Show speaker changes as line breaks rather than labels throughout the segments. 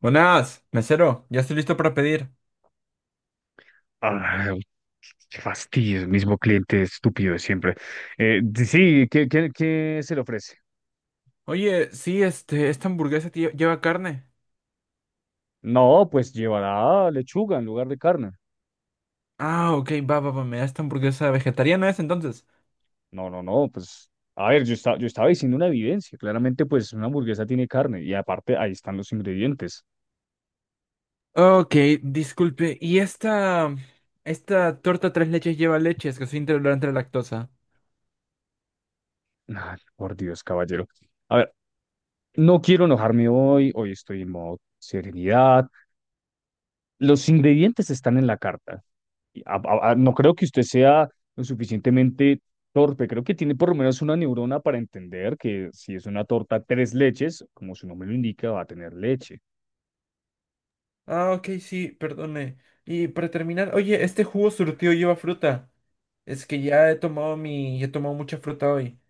Buenas, mesero, ya estoy listo para pedir.
Ah, qué fastidio, el mismo cliente estúpido de siempre. Sí, qué se le ofrece?
Oye, sí, esta hamburguesa lleva carne.
No, pues llevará lechuga en lugar de carne.
Ah, ok, va, va, va, me da esta hamburguesa vegetariana es entonces.
No, no, no, pues, a ver, yo, yo estaba diciendo una evidencia. Claramente, pues, una hamburguesa tiene carne y aparte ahí están los ingredientes.
Ok, disculpe, ¿y esta torta tres leches lleva leche? Es que soy intolerante a la lactosa.
Ay, por Dios, caballero. A ver, no quiero enojarme hoy, hoy estoy en modo serenidad. Los ingredientes están en la carta. No creo que usted sea lo suficientemente torpe, creo que tiene por lo menos una neurona para entender que si es una torta tres leches, como su nombre lo indica, va a tener leche.
Ah, ok, sí, perdone. Y para terminar, oye, este jugo surtido lleva fruta. Es que ya he tomado he tomado mucha fruta hoy.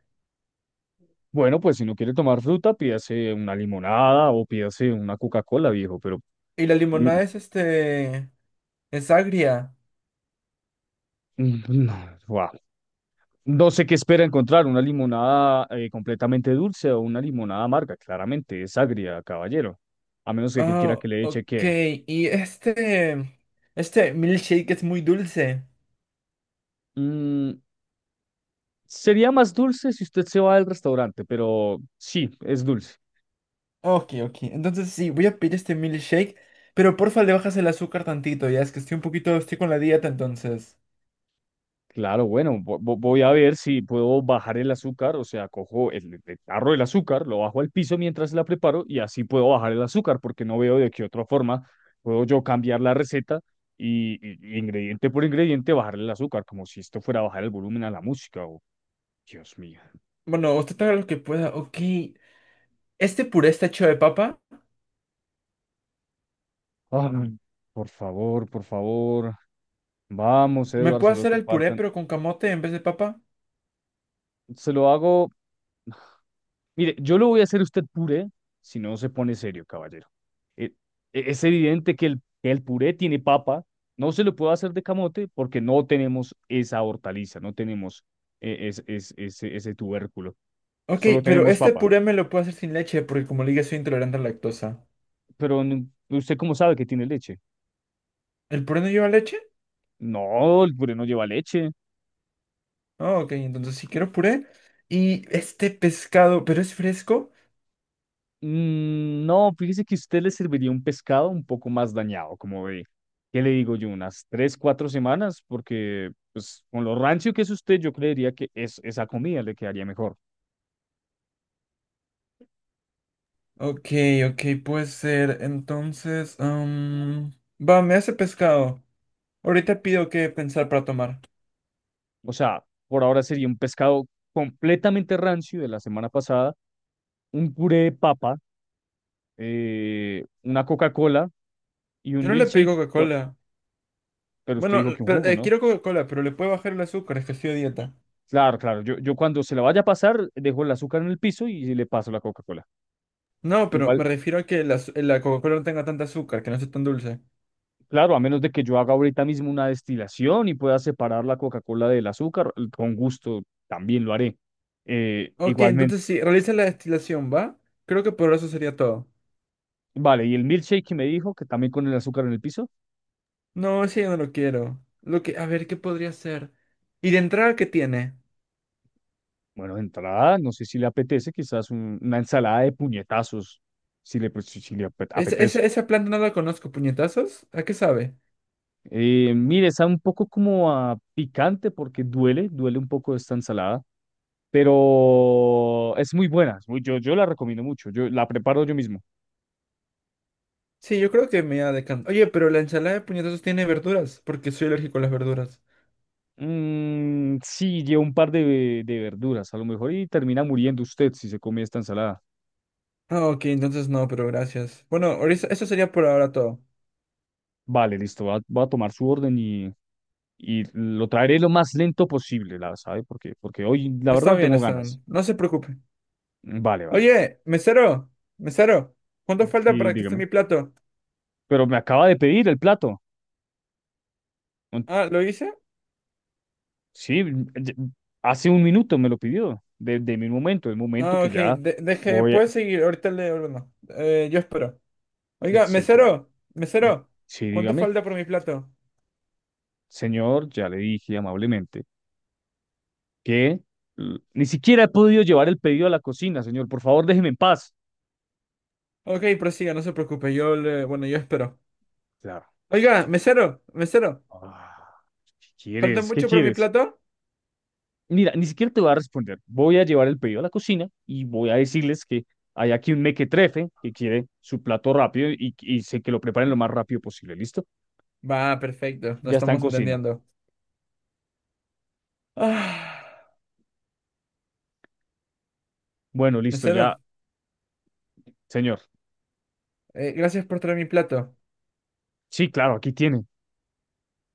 Bueno, pues si no quiere tomar fruta, pídase una limonada o pídase una Coca-Cola, viejo, pero
Y la
mm,
limonada es es agria.
mm, mm, no, guau. No sé qué espera encontrar, una limonada completamente dulce o una limonada amarga, claramente es agria, caballero, a menos que quiera que
Oh,
le eche
ok.
que...
Y este milkshake es muy dulce.
Sería más dulce si usted se va del restaurante, pero sí, es dulce.
Ok, ok. Entonces sí, voy a pedir este milkshake, pero porfa le bajas el azúcar tantito, ya es que estoy un poquito, estoy con la dieta entonces.
Claro, bueno, voy a ver si puedo bajar el azúcar, o sea, cojo el tarro del azúcar, lo bajo al piso mientras la preparo y así puedo bajar el azúcar, porque no veo de qué otra forma puedo yo cambiar la receta y, y ingrediente por ingrediente bajarle el azúcar, como si esto fuera bajar el volumen a la música. Oh, Dios mío.
Bueno, usted haga lo que pueda. Ok. Este puré está hecho de papa.
Ay, por favor, por favor. Vamos,
¿Me
Eduardo,
puedo
solo
hacer
te
el puré
faltan.
pero con camote en vez de papa?
Se lo hago. Mire, yo lo voy a hacer usted puré si no se pone serio, caballero. E- es evidente que que el puré tiene papa, no se lo puedo hacer de camote porque no tenemos esa hortaliza, no tenemos ese tubérculo,
Ok,
solo
pero
tenemos
este
papa.
puré me lo puedo hacer sin leche porque como le dije soy intolerante a la lactosa.
Pero ¿usted cómo sabe que tiene leche?
¿El puré no lleva leche?
No, el puré no lleva leche.
Oh, ok, entonces si quiero puré. Y este pescado, pero es fresco.
Mm, no, fíjese que a usted le serviría un pescado un poco más dañado, como ve. ¿Qué le digo yo? Unas tres, cuatro semanas, porque pues con lo rancio que es usted, yo creería que es, esa comida le quedaría mejor.
Ok, ok, puede ser. Entonces, va, me hace pescado. Ahorita pido qué pensar para tomar.
O sea, por ahora sería un pescado completamente rancio de la semana pasada, un puré de papa, una Coca-Cola y
Yo
un
no le pido
milkshake.
Coca-Cola.
Pero usted
Bueno,
dijo que un
pero,
jugo, ¿no?
quiero Coca-Cola, pero le puedo bajar el azúcar, es que estoy a dieta.
Claro, claro. Yo cuando se la vaya a pasar, dejo el azúcar en el piso y le paso la Coca-Cola.
No, pero me
Igual,
refiero a que la Coca-Cola no tenga tanta azúcar, que no sea tan dulce.
claro, a menos de que yo haga ahorita mismo una destilación y pueda separar la Coca-Cola del azúcar, con gusto también lo haré. Eh,
Ok,
igualmente,
entonces sí, realiza la destilación, ¿va? Creo que por eso sería todo.
vale, y el milkshake que me dijo que también con el azúcar en el piso,
No, ese yo no lo quiero. Lo que, a ver, ¿qué podría ser? ¿Y de entrada qué tiene?
bueno, de entrada, no sé si le apetece, quizás una ensalada de puñetazos, si le, pues, si le
¿Ese-
apetece.
ese- Esa planta no la conozco, ¿puñetazos? ¿A qué sabe?
Mire, está un poco como a picante porque duele, duele un poco esta ensalada, pero es muy buena, yo, yo la recomiendo mucho, yo la preparo yo mismo.
Sí, yo creo que me ha decantar. Oye, pero la ensalada de puñetazos tiene verduras, porque soy alérgico a las verduras.
Mm, sí, lleva un par de verduras, a lo mejor, y termina muriendo usted si se come esta ensalada.
Ah, ok, entonces no, pero gracias. Bueno, eso sería por ahora todo.
Vale, listo, va, va a tomar su orden y lo traeré lo más lento posible, la sabe, porque hoy la verdad
Está
no
bien,
tengo
está
ganas.
bien. No se preocupe.
Mm, vale, vale.
Oye, mesero, mesero, ¿cuánto falta
Sí,
para que esté
dígame.
mi plato?
Pero me acaba de pedir el plato. Un-
Ah, ¿lo hice?
Sí, ya- hace un minuto me lo pidió, de mi momento, el momento
Ah,
que
ok,
ya
deje,
voy a...
puedes seguir, ahorita le ordeno. Yo espero.
Mm,
Oiga,
sí, claro.
mesero,
Mm,
mesero,
sí,
¿cuánto
dígame.
falta por mi plato?
Señor, ya le dije amablemente que ni siquiera he podido llevar el pedido a la cocina, señor. Por favor, déjeme en paz.
Ok, prosiga, no se preocupe, yo le, bueno, yo espero.
Claro.
Oiga, mesero, mesero,
Ah, ¿qué
¿falta
quieres? ¿Qué
mucho para mi
quieres?
plato?
Mira, ni siquiera te voy a responder. Voy a llevar el pedido a la cocina y voy a decirles que hay aquí un mequetrefe que quiere su plato rápido y sé que lo preparen lo más rápido posible. ¿Listo?
Va, perfecto. Nos
Ya está en
estamos
cocina.
entendiendo. Ah,
Bueno, listo, ya,
mesero,
señor.
gracias por traer mi plato.
Sí, claro, aquí tiene.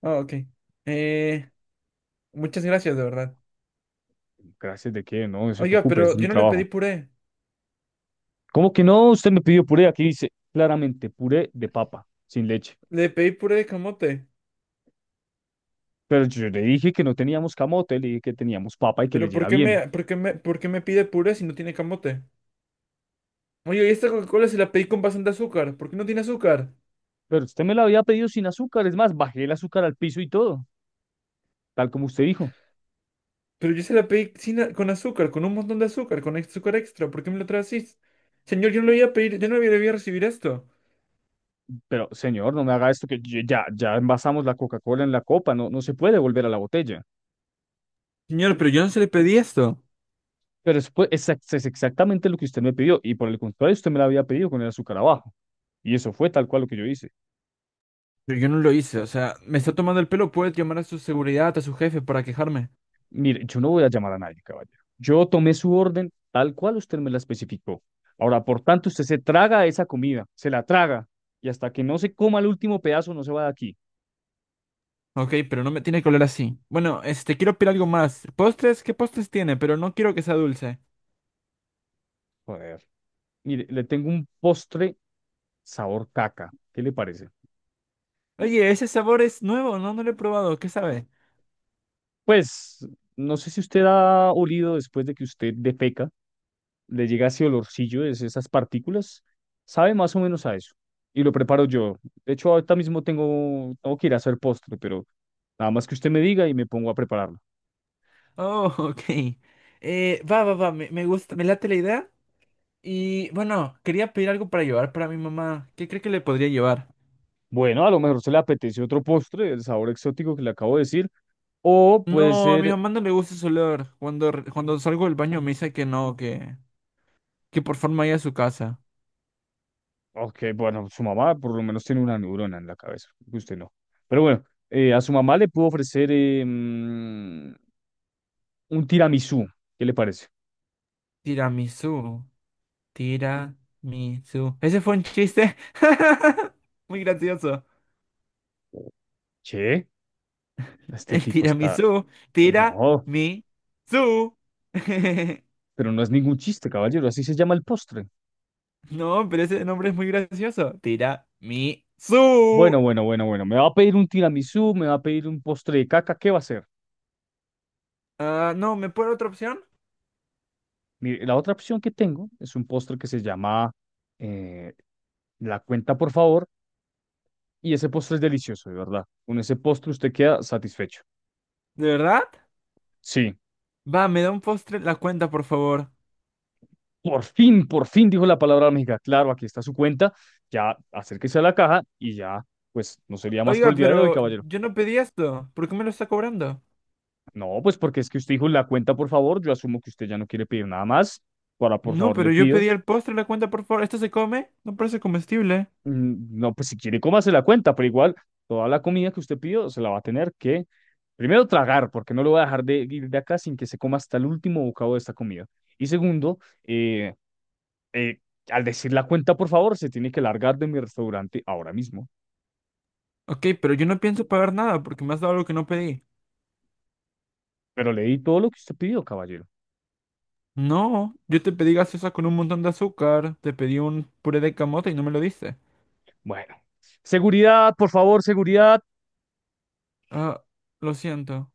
Ah, ok. Eh, Muchas gracias, de verdad.
Gracias de que no se
Oiga,
preocupe, ese
pero
es mi
yo no le pedí
trabajo.
puré.
¿Cómo que no? Usted me pidió puré. Aquí dice claramente puré de papa, sin leche.
Le pedí puré de camote.
Pero yo le dije que no teníamos camote, le dije que teníamos papa y que
Pero
leyera bien.
por qué me pide puré si no tiene camote? Oye, y esta Coca-Cola se la pedí con bastante azúcar. ¿Por qué no tiene azúcar?
Pero usted me la había pedido sin azúcar, es más, bajé el azúcar al piso y todo, tal como usted dijo.
Pero yo se la pedí sin a- con azúcar, con un montón de azúcar, con azúcar extra. ¿Por qué me lo traes así? Señor, yo no le voy a recibir esto.
Pero señor, no me haga esto ya, ya envasamos la Coca-Cola en la copa, no, no se puede volver a la botella.
Señor, pero yo no se le pedí esto.
Pero es, pues, es exactamente lo que usted me pidió y por el contrario, usted me la había pedido con el azúcar abajo. Y eso fue tal cual lo que yo hice.
Pero yo no lo hice, o sea, me está tomando el pelo, puedes llamar a su seguridad, a su jefe para quejarme.
Mire, yo no voy a llamar a nadie, caballero. Yo tomé su orden tal cual usted me la especificó. Ahora, por tanto, usted se traga esa comida, se la traga, y hasta que no se coma el último pedazo no se va de aquí.
Ok, pero no me tiene que hablar así. Bueno, este, quiero pedir algo más. ¿Postres? ¿Qué postres tiene? Pero no quiero que sea dulce.
Joder. Mire, le tengo un postre sabor caca. ¿Qué le parece?
Oye, ese sabor es nuevo, no, no lo he probado, ¿qué sabe?
Pues, no sé si usted ha olido después de que usted defeca, le llega ese olorcillo, esas partículas. Sabe más o menos a eso. Y lo preparo yo. De hecho, ahorita mismo tengo, tengo que ir a hacer postre, pero nada más que usted me diga y me pongo a prepararlo.
Oh, ok. Va, va, va, me gusta, me late la idea. Y bueno, quería pedir algo para llevar para mi mamá. ¿Qué cree que le podría llevar?
Bueno, a lo mejor se le apetece otro postre, el sabor exótico que le acabo de decir, o puede
No, a mi
ser,
mamá no le gusta ese olor. Cuando salgo del baño me dice que no, que por favor me vaya a su casa.
ok, bueno, su mamá por lo menos tiene una neurona en la cabeza, que usted no. Pero bueno, a su mamá le puedo ofrecer un tiramisú, ¿qué le parece?
Tiramisú. Tiramisú. Ese fue un chiste muy gracioso.
Che, este
El
tipo está...
tiramisú.
No,
Tiramisú.
pero no es ningún chiste, caballero, así se llama el postre.
No, pero ese nombre es muy gracioso.
Bueno,
Tiramisú.
bueno, bueno, bueno, me va a pedir un tiramisú, me va a pedir un postre de caca, ¿qué va a hacer?
Ah, no, ¿me puede otra opción?
Mire, la otra opción que tengo es un postre que se llama eh, la cuenta, por favor, y ese postre es delicioso, de verdad. Con ese postre usted queda satisfecho.
¿De verdad?
Sí,
Va, me da un postre la cuenta, por favor.
por fin dijo la palabra mágica. Claro, aquí está su cuenta. Ya acérquese a la caja y ya, pues no sería más por
Oiga,
el día de hoy,
pero
caballero.
yo no pedí esto. ¿Por qué me lo está cobrando?
No, pues porque es que usted dijo la cuenta, por favor. Yo asumo que usted ya no quiere pedir nada más. Para, por
No,
favor, le
pero yo
pido.
pedí el postre la cuenta, por favor. ¿Esto se come? No parece comestible.
Mm, no, pues si quiere, cómase la cuenta, pero igual toda la comida que usted pidió se la va a tener que primero tragar, porque no lo voy a dejar de ir de acá sin que se coma hasta el último bocado de esta comida. Y segundo, eh, eh, al decir la cuenta, por favor, se tiene que largar de mi restaurante ahora mismo.
Ok, pero yo no pienso pagar nada porque me has dado algo que no pedí.
Pero le di todo lo que usted pidió, caballero.
No, yo te pedí gaseosa con un montón de azúcar, te pedí un puré de camote y no me lo diste.
Bueno, seguridad, por favor, seguridad.
Ah, lo siento.